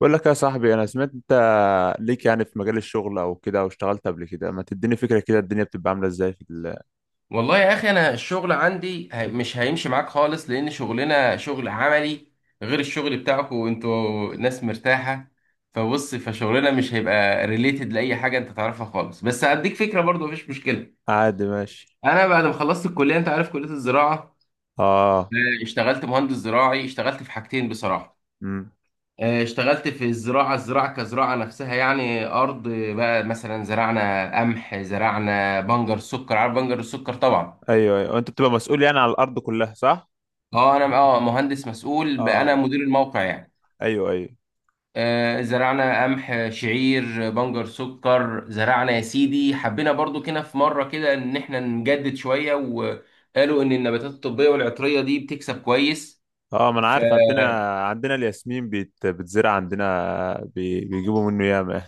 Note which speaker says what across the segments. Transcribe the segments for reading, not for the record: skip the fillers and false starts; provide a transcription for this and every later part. Speaker 1: بقول لك يا صاحبي، انا سمعت انت ليك يعني في مجال الشغل او كده، او اشتغلت قبل كده. ما تديني فكرة كده الدنيا بتبقى عاملة ازاي في
Speaker 2: والله يا اخي انا الشغل عندي مش هيمشي معاك خالص لان شغلنا شغل عملي، غير الشغل بتاعكم وانتوا ناس مرتاحه. فبص، فشغلنا مش هيبقى ريليتد لاي حاجه انت تعرفها خالص، بس هديك فكره برضو مفيش مشكله.
Speaker 1: عادي ماشي.
Speaker 2: انا بعد ما خلصت الكليه، انت عارف كليه الزراعه،
Speaker 1: اه.
Speaker 2: اشتغلت مهندس زراعي. اشتغلت في حاجتين بصراحه.
Speaker 1: امم.
Speaker 2: اشتغلت في الزراعه، الزراعه كزراعه نفسها، يعني ارض بقى. مثلا زرعنا قمح، زرعنا بنجر سكر، عارف بنجر السكر طبعا.
Speaker 1: ايوه ايوه، انت بتبقى مسؤول يعني على الارض كلها، صح؟
Speaker 2: اه انا اه مهندس مسؤول بقى، انا
Speaker 1: اه.
Speaker 2: مدير الموقع يعني.
Speaker 1: ايوه ايوه.
Speaker 2: آه زرعنا قمح، شعير، بنجر سكر. زرعنا يا سيدي، حبينا برضو كده في مره كده ان احنا نجدد شويه، وقالوا ان النباتات الطبيه والعطريه دي بتكسب كويس.
Speaker 1: اه ما انا
Speaker 2: ف
Speaker 1: عارف، عندنا الياسمين بتزرع عندنا بيجيبوا منه ياما يعني.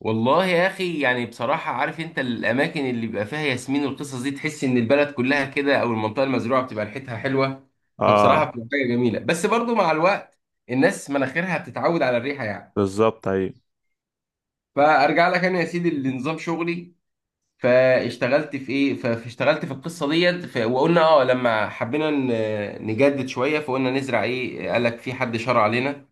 Speaker 2: والله يا اخي يعني بصراحه، عارف انت الاماكن اللي بيبقى فيها ياسمين والقصص دي، تحس ان البلد كلها كده، او المنطقه المزروعه بتبقى ريحتها حلوه.
Speaker 1: اه
Speaker 2: فبصراحه بتبقى حاجه جميله، بس برضو مع الوقت الناس مناخيرها بتتعود على الريحه يعني.
Speaker 1: بالظبط، ايوه.
Speaker 2: فارجع لك انا يا سيدي لنظام شغلي. فاشتغلت في ايه، فاشتغلت في القصه ديت. وقلنا اه لما حبينا نجدد شويه، فقلنا نزرع ايه؟ قال لك في حد شرع علينا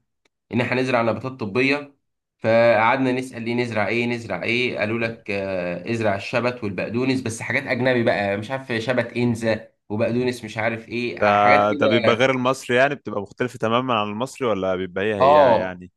Speaker 2: ان احنا نزرع نباتات طبيه. فقعدنا نسال، ليه نزرع ايه؟ نزرع ايه؟ قالوا لك ازرع الشبت والبقدونس. بس حاجات اجنبي بقى، مش عارف شبت انزا وبقدونس مش عارف ايه،
Speaker 1: ده
Speaker 2: حاجات
Speaker 1: ده
Speaker 2: كده.
Speaker 1: بيبقى غير المصري يعني، بتبقى مختلفة تماما عن المصري، ولا بيبقى هي هي
Speaker 2: اه
Speaker 1: يعني؟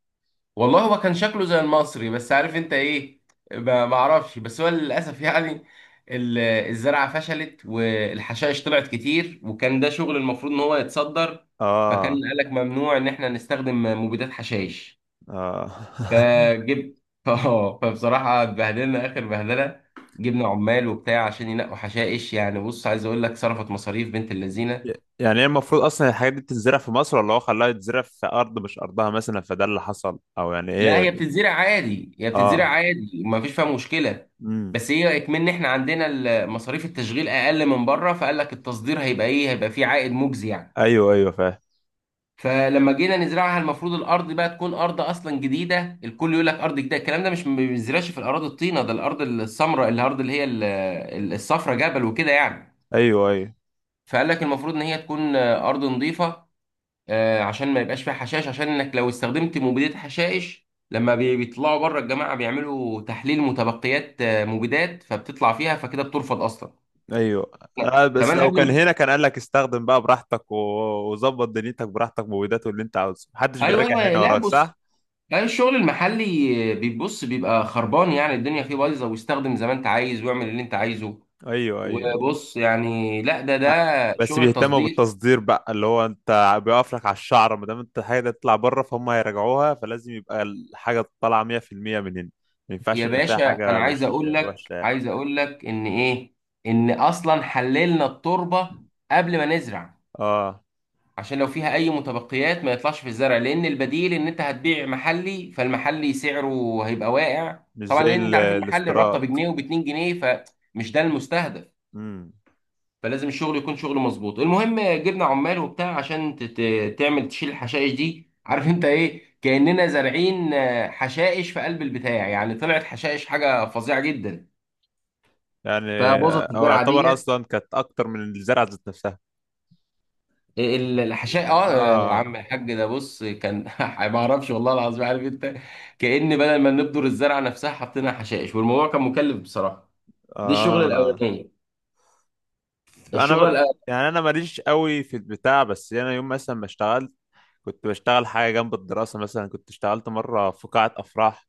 Speaker 2: والله هو كان شكله زي المصري، بس عارف انت ايه، ما اعرفش. بس هو للاسف يعني الزرعه فشلت، والحشائش طلعت كتير، وكان ده شغل المفروض ان هو يتصدر. فكان
Speaker 1: اه.
Speaker 2: قالك ممنوع ان احنا نستخدم مبيدات حشائش.
Speaker 1: اه.
Speaker 2: فجبت اه فبصراحه اتبهدلنا اخر بهدله. جبنا عمال وبتاع عشان ينقوا حشائش يعني. بص عايز اقول لك، صرفت مصاريف بنت اللذينه.
Speaker 1: يعني هي المفروض اصلا الحاجات دي بتتزرع في مصر، ولا هو خلاها تتزرع في ارض مش ارضها مثلا فده اللي حصل، او يعني
Speaker 2: لا
Speaker 1: ايه؟
Speaker 2: هي بتتزرع عادي، هي
Speaker 1: اه.
Speaker 2: بتتزرع عادي، ما فيش فيها مشكله.
Speaker 1: امم.
Speaker 2: بس هي اكمن احنا عندنا مصاريف التشغيل اقل من بره، فقال لك التصدير هيبقى ايه، هيبقى فيه عائد مجزي يعني.
Speaker 1: ايوه ايوه، فاهم.
Speaker 2: فلما جينا نزرعها، المفروض الارض بقى تكون ارض اصلا جديده. الكل يقول لك ارض جديده، الكلام ده مش ما بينزرعش في الاراضي الطينه، ده الارض السمراء، الارض اللي هي الصفراء، جبل وكده يعني.
Speaker 1: ايوه ايوه
Speaker 2: فقال لك المفروض ان هي تكون ارض نظيفه، عشان ما يبقاش فيها حشائش. عشان انك لو استخدمت مبيدات حشائش، لما بيطلعوا بره، الجماعه بيعملوا تحليل متبقيات مبيدات، فبتطلع فيها، فكده بترفض اصلا.
Speaker 1: ايوه. آه بس
Speaker 2: كمان
Speaker 1: لو
Speaker 2: قبل
Speaker 1: كان
Speaker 2: ما
Speaker 1: هنا كان قال لك استخدم بقى براحتك وظبط دنيتك براحتك، مبيدات اللي انت عاوزه محدش
Speaker 2: ايوه
Speaker 1: بيراجع
Speaker 2: ايوه.
Speaker 1: هنا
Speaker 2: لا
Speaker 1: وراك،
Speaker 2: بص،
Speaker 1: صح؟
Speaker 2: لا، الشغل المحلي بيبص بيبقى خربان يعني. الدنيا فيه بايظه، ويستخدم زي ما انت عايز ويعمل اللي انت عايزه.
Speaker 1: ايوه ايوه أيوه.
Speaker 2: وبص يعني، لا ده ده
Speaker 1: آه. بس
Speaker 2: شغل
Speaker 1: بيهتموا
Speaker 2: التصدير.
Speaker 1: بالتصدير بقى، اللي هو انت بيقف لك على الشعر. ما دام انت حاجه تطلع بره فهم هيراجعوها، فلازم يبقى الحاجه طالعه 100% من هنا. ما ينفعش
Speaker 2: يا
Speaker 1: يبقى فيها
Speaker 2: باشا
Speaker 1: حاجه
Speaker 2: انا عايز
Speaker 1: مش
Speaker 2: اقول لك،
Speaker 1: وحشه يعني.
Speaker 2: عايز اقول لك ان ايه، ان اصلا حللنا التربه قبل ما نزرع،
Speaker 1: اه
Speaker 2: عشان لو فيها اي متبقيات ما يطلعش في الزرع، لان البديل ان انت هتبيع محلي، فالمحلي سعره هيبقى واقع
Speaker 1: مش
Speaker 2: طبعا.
Speaker 1: زي
Speaker 2: لان انت عارف المحل الرابطه
Speaker 1: الاستيراد.
Speaker 2: بجنيه وباتنين جنيه، فمش ده المستهدف.
Speaker 1: امم.
Speaker 2: فلازم الشغل يكون شغل مظبوط. المهم جبنا عمال وبتاع عشان تعمل تشيل الحشائش دي. عارف انت ايه، كاننا زارعين حشائش في قلب البتاع يعني. طلعت حشائش حاجه فظيعه جدا،
Speaker 1: يعني
Speaker 2: فبوظت
Speaker 1: او
Speaker 2: الزرعه
Speaker 1: يعتبر
Speaker 2: دي.
Speaker 1: اصلا كانت اكتر من الزرعه ذات نفسها.
Speaker 2: الحشاء اه. يا
Speaker 1: اه.
Speaker 2: عم الحاج، ده بص كان ما اعرفش والله العظيم. عارف انت، كأن بدل ما نبذر الزرعه نفسها حطينا حشائش، والموضوع كان مكلف بصراحه. دي الشغله
Speaker 1: اه.
Speaker 2: الاولانيه.
Speaker 1: فانا
Speaker 2: الشغله
Speaker 1: ب...
Speaker 2: الاولانيه.
Speaker 1: يعني انا ماليش قوي في البتاع، بس انا يوم مثلا ما اشتغلت كنت بشتغل حاجه جنب الدراسه. مثلا كنت اشتغلت مره في قاعه افراح،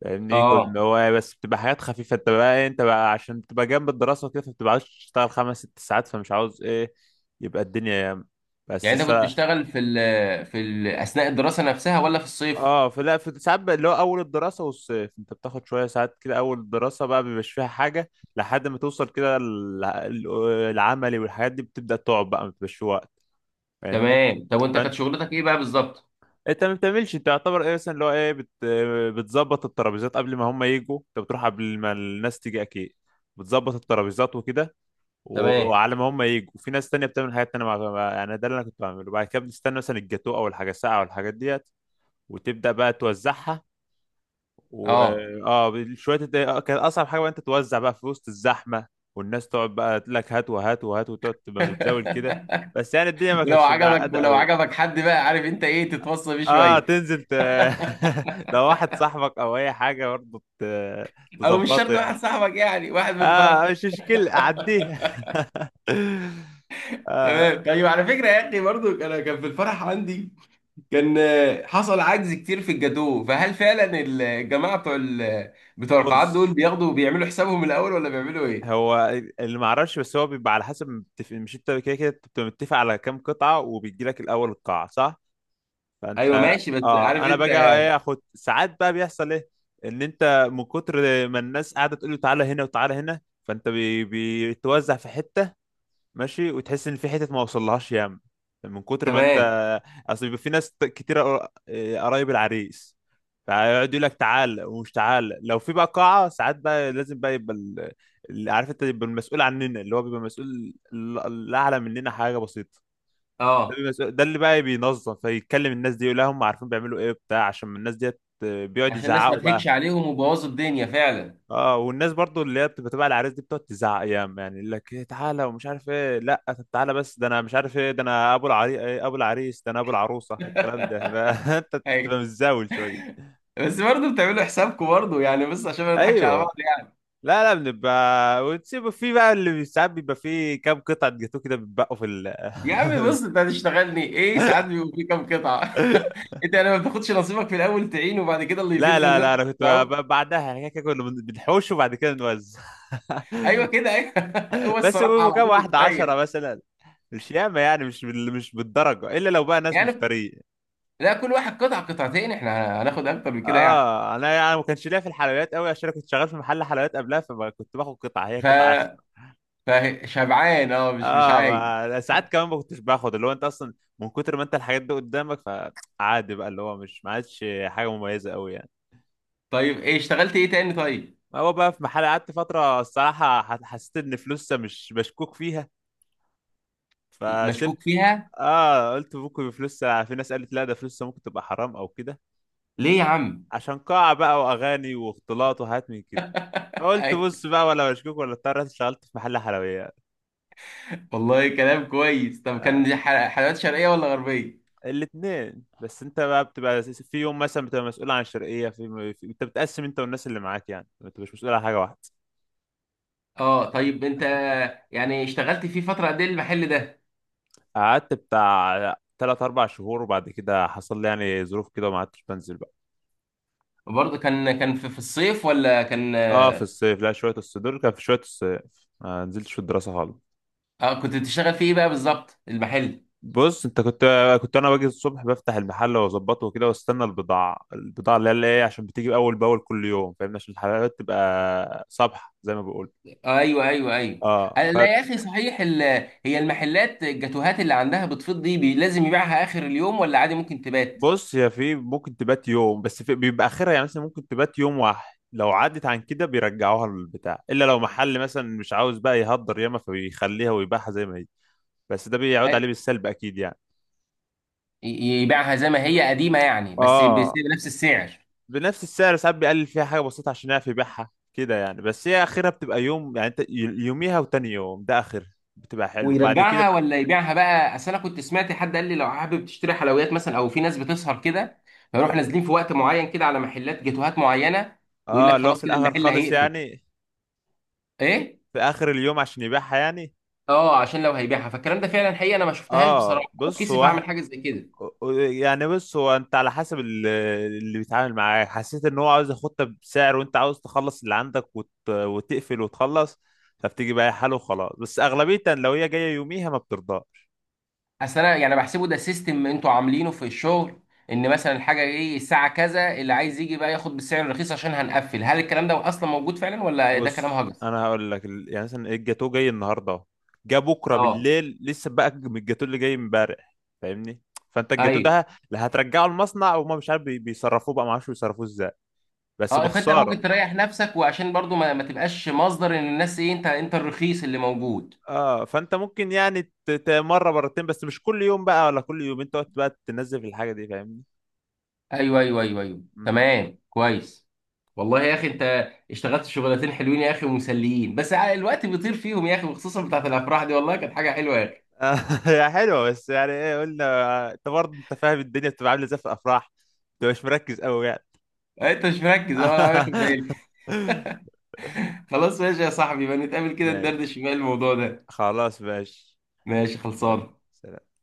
Speaker 1: فاهمني؟
Speaker 2: اه
Speaker 1: كنا هو بس بتبقى حاجات خفيفة. انت بقى ايه، انت بقى عشان بتبقى جنب الدراسة وكده فبتبقى عاوز تشتغل خمس ست ساعات، فمش عاوز ايه يبقى الدنيا ياما. بس
Speaker 2: يعني انت كنت
Speaker 1: سا...
Speaker 2: بتشتغل في ال اثناء الدراسه نفسها ولا في الصيف؟
Speaker 1: اه فلا، في ساعات بقى اللي هو اول الدراسة والصيف انت بتاخد شوية ساعات كده. اول الدراسة بقى مبيبقاش فيها حاجة، لحد ما توصل كده العملي والحاجات دي بتبدأ تقعد، بقى مبيبقاش في وقت، فاهمني؟
Speaker 2: تمام. طب وانت كانت
Speaker 1: فانت
Speaker 2: شغلتك ايه بقى بالظبط؟
Speaker 1: انت ما بتعملش، انت يعتبر ايه مثلا اللي هو ايه بتظبط الترابيزات قبل ما هم يجوا. انت بتروح قبل ما الناس تيجي اكيد، بتظبط الترابيزات وكده
Speaker 2: تمام
Speaker 1: وعلى ما هم يجوا، وفي ناس تانية بتعمل حاجات تانية يعني ده اللي أنا كنت بعمله. بعد كده بنستنى مثلا الجاتو أو الحاجة الساقعة أو الحاجات ديت، وتبدأ بقى توزعها. و
Speaker 2: اه.
Speaker 1: اه شوية كانت أصعب حاجة بقى أنت توزع بقى في وسط الزحمة، والناس تقعد بقى تقول لك هات وهات وهات، وتقعد تبقى متزاول كده. بس يعني الدنيا ما
Speaker 2: ولو
Speaker 1: كانتش
Speaker 2: عجبك،
Speaker 1: متعقدة
Speaker 2: ولو
Speaker 1: أوي.
Speaker 2: عجبك حد بقى، عارف انت ايه، تتوصى بيه
Speaker 1: اه
Speaker 2: شويه.
Speaker 1: تنزل لو واحد صاحبك أو أي حاجة برضه
Speaker 2: او مش
Speaker 1: تظبطه
Speaker 2: شرط
Speaker 1: يعني.
Speaker 2: واحد صاحبك يعني، واحد من
Speaker 1: اه
Speaker 2: الفرع.
Speaker 1: مش مشكلة أعديها. آه.
Speaker 2: تمام. طيب على فكرة يا أخي برضو، أنا كان في الفرح عندي، كان حصل عجز كتير في الجاتوه. فهل فعلا الجماعة بتوع بتوع القاعات دول
Speaker 1: بص
Speaker 2: بياخدوا، بيعملوا حسابهم الأول، ولا بيعملوا إيه؟
Speaker 1: هو اللي ما اعرفش، بس هو بيبقى على حسب مش انت كده كده أنت بتبقى متفق على كام قطعه، وبيجي لك الاول القاعه، صح؟
Speaker 2: أيوه
Speaker 1: فانت
Speaker 2: ماشي. بس عارف
Speaker 1: اه انا
Speaker 2: أنت،
Speaker 1: باجي ايه اخد ساعات بقى، بيحصل ايه ان انت من كتر ما الناس قاعده تقول له تعالى هنا وتعالى هنا، فانت بيتوزع في حته، ماشي، وتحس ان في حتت ما وصلهاش ياما من كتر ما انت.
Speaker 2: تمام.
Speaker 1: اصل بيبقى في ناس كتير قرايب العريس، فيقعد يقول لك تعال، ومش تعال. لو في بقى قاعه ساعات بقى لازم بقى يبقى اللي عارف انت يبقى المسؤول عننا، اللي هو بيبقى مسؤول اللي اعلى مننا حاجه بسيطه، ده،
Speaker 2: أه
Speaker 1: ده اللي بقى بينظم، فيتكلم الناس دي يقول لهم عارفين بيعملوا ايه بتاع، عشان الناس ديت آه، بيقعد
Speaker 2: عشان الناس ما
Speaker 1: يزعقوا
Speaker 2: تهكش
Speaker 1: بقى.
Speaker 2: عليهم وبوظوا الدنيا فعلا.
Speaker 1: اه. والناس برضو اللي هي بتبقى تبع العريس دي بتقعد تزعق ايام يعني، يقول لك ايه تعالى ومش عارف ايه، لا طب تعالى بس، ده انا مش عارف ايه، ده انا ابو العري إيه، ابو العريس، ده انا ابو العروسه الكلام ده. فانت
Speaker 2: أيوه.
Speaker 1: بتبقى متزاول شويه.
Speaker 2: بس برضه بتعملوا حسابكم برضه يعني، بس عشان ما نضحكش على
Speaker 1: ايوه.
Speaker 2: بعض يعني.
Speaker 1: لا لا، بنبقى وتسيبوا في بقى اللي ساعات بيبقى فيه كام قطعه جاتوه كده بيتبقوا في ال
Speaker 2: يا عم بص، أنت هتشتغلني إيه ساعات بيبقوا في كام قطعة؟ أنت يعني ما بتاخدش نصيبك في الأول تعين، وبعد كده اللي
Speaker 1: لا
Speaker 2: يفيد
Speaker 1: لا لا،
Speaker 2: منكم
Speaker 1: انا كنت
Speaker 2: توزعوه.
Speaker 1: بعدها يعني كده كنا بنحوش وبعد كده نوزع.
Speaker 2: ايوه كده، ايوه. هو
Speaker 1: بس
Speaker 2: الصراحه
Speaker 1: بيبقوا
Speaker 2: على
Speaker 1: كام
Speaker 2: طول
Speaker 1: واحده، عشرة
Speaker 2: بتريح
Speaker 1: مثلا، مش ياما يعني، مش مش بالدرجه، الا لو بقى ناس
Speaker 2: يعني.
Speaker 1: مفتريين.
Speaker 2: لا كل واحد قطع قطعتين، احنا هناخد اكتر من كده يعني.
Speaker 1: اه انا يعني ما كانش ليا في الحلويات قوي، عشان انا كنت شغال في محل حلويات قبلها، فما كنت باخد قطعه هي
Speaker 2: ف
Speaker 1: قطعه اخر.
Speaker 2: فشبعان اه، مش
Speaker 1: اه
Speaker 2: عايز.
Speaker 1: ما... ساعات كمان ما كنتش باخد اللي هو انت اصلا من كتر ما انت الحاجات دي قدامك، فعادي بقى اللي هو مش ما عادش حاجه مميزه قوي يعني.
Speaker 2: طيب ايه، اشتغلت ايه تاني طيب؟
Speaker 1: ما هو بقى في محل قعدت فتره الصراحه حسيت ان فلوسها مش مشكوك فيها فسبت.
Speaker 2: مشكوك فيها؟
Speaker 1: اه قلت ممكن فلوسها، في ناس قالت لا ده فلوسها ممكن تبقى حرام او كده،
Speaker 2: ليه يا عم؟
Speaker 1: عشان قاعه بقى واغاني واختلاط وحاجات من كده. قلت
Speaker 2: أيوة.
Speaker 1: بص بقى، ولا مشكوك، ولا اضطريت اشتغلت في محل حلويات.
Speaker 2: والله كلام كويس. طب
Speaker 1: آه.
Speaker 2: كان دي حلويات شرقيه ولا غربيه؟
Speaker 1: الاثنين، بس انت بقى بتبقى في يوم مثلا بتبقى مسؤول عن الشرقيه في انت بتقسم انت والناس اللي معاك، يعني انت مش مسؤول عن حاجه واحده.
Speaker 2: اه طيب انت يعني اشتغلت فيه فتره قد ايه المحل ده؟
Speaker 1: قعدت بتاع تلات اربع شهور، وبعد كده حصل لي يعني ظروف كده وما عدتش بنزل بقى.
Speaker 2: وبرضه كان في، في الصيف ولا كان؟
Speaker 1: اه في الصيف. لا شويه الصيف، دول كان في شويه الصيف، ما نزلتش في الدراسه خالص.
Speaker 2: اه كنت بتشتغل فيه ايه بقى بالظبط المحل؟
Speaker 1: بص انت كنت انا باجي الصبح بفتح المحل واظبطه وكده، واستنى البضاعه، البضاعه اللي هي عشان بتيجي اول باول كل يوم، فاهمني؟ عشان الحلقات تبقى صبح زي ما بقول.
Speaker 2: ايوه ايوه ايوه.
Speaker 1: اه
Speaker 2: أنا- لا يا اخي صحيح، ال... هي المحلات الجاتوهات اللي عندها بتفيض دي بي... لازم يبيعها اخر اليوم، ولا عادي ممكن تبات؟
Speaker 1: بص هي في ممكن تبات يوم، بس في بيبقى اخرها يعني، مثلا ممكن تبات يوم واحد، لو عدت عن كده بيرجعوها للبتاع، الا لو محل مثلا مش عاوز بقى يهدر ياما فبيخليها ويبيعها زي ما هي، بس ده بيعود عليه
Speaker 2: هل-
Speaker 1: بالسلب اكيد يعني.
Speaker 2: ي- يبيعها زي ما هي قديمه يعني،
Speaker 1: اه
Speaker 2: بنفس السعر؟
Speaker 1: بنفس السعر. ساعات بيقلل فيها حاجه بسيطه عشان يعرف يبيعها كده يعني، بس هي اخرها بتبقى يوم يعني. انت يوميها، وتاني يوم ده اخر، بتبقى حلو بعد
Speaker 2: ويرجعها
Speaker 1: كده.
Speaker 2: ولا يبيعها بقى؟ اصل انا كنت سمعت حد قال لي لو حابب تشتري حلويات مثلا، او في ناس بتسهر كده فيروح نازلين في وقت معين كده على محلات جاتوهات معينه، ويقول
Speaker 1: اه
Speaker 2: لك
Speaker 1: اللي هو
Speaker 2: خلاص
Speaker 1: في
Speaker 2: كده
Speaker 1: الاخر
Speaker 2: المحل
Speaker 1: خالص
Speaker 2: هيقفل.
Speaker 1: يعني،
Speaker 2: ايه،
Speaker 1: في اخر اليوم عشان يبيعها يعني.
Speaker 2: اه عشان لو هيبيعها؟ فالكلام ده فعلا حقيقه، انا ما شفتهاش
Speaker 1: اه
Speaker 2: بصراحه.
Speaker 1: بص
Speaker 2: كيسف
Speaker 1: هو
Speaker 2: هعمل حاجه زي كده.
Speaker 1: يعني بص هو انت على حسب اللي بيتعامل معاه. حسيت ان هو عاوز ياخدها بسعر، وانت عاوز تخلص اللي عندك وتقفل وتخلص، فبتيجي بقى حاله وخلاص، بس اغلبيه لو هي جايه يوميها ما بترضاش.
Speaker 2: اصل انا يعني بحسبه ده سيستم انتوا عاملينه في الشغل، ان مثلا الحاجه ايه الساعه كذا اللي عايز يجي بقى ياخد بالسعر الرخيص عشان هنقفل. هل الكلام ده اصلا موجود فعلا، ولا ده كلام
Speaker 1: بص
Speaker 2: هجس؟
Speaker 1: انا هقول لك يعني مثلا الجاتوه جاي النهارده اهو، جه بكره
Speaker 2: اه
Speaker 1: بالليل لسه بقى من الجاتوه اللي جاي امبارح، فاهمني؟ فانت الجاتوه
Speaker 2: ايوه.
Speaker 1: ده لا هترجعه المصنع، وما مش عارف بيصرفوه بقى، ما اعرفش بيصرفوه ازاي، بس
Speaker 2: اه فانت ممكن
Speaker 1: بخساره.
Speaker 2: تريح نفسك، وعشان برضو ما تبقاش مصدر ان الناس ايه، انت الرخيص اللي موجود.
Speaker 1: اه فانت ممكن يعني مره مرتين، بس مش كل يوم بقى ولا كل يومين تقعد بقى تنزل في الحاجه دي، فاهمني؟
Speaker 2: ايوه ايوه ايوه ايوه
Speaker 1: امم.
Speaker 2: تمام كويس. والله يا اخي انت اشتغلت شغلتين حلوين يا اخي ومسليين، بس الوقت بيطير فيهم يا اخي، وخصوصا بتاعت الافراح دي والله كانت حاجه حلوه يا اخي.
Speaker 1: آه، هي حلوه، بس يعني ايه قلنا آه، انت برضه انت فاهم الدنيا بتبقى عامله ازاي في الافراح، انت مش مركز قوي يعني.
Speaker 2: انت مش مركز ولا واخد بالي. خلاص ماشي يا صاحبي، بقى نتقابل كده ندردش
Speaker 1: ماشي،
Speaker 2: بقى الموضوع ده.
Speaker 1: خلاص ماشي،
Speaker 2: ماشي
Speaker 1: يلا،
Speaker 2: خلصان.
Speaker 1: سلام.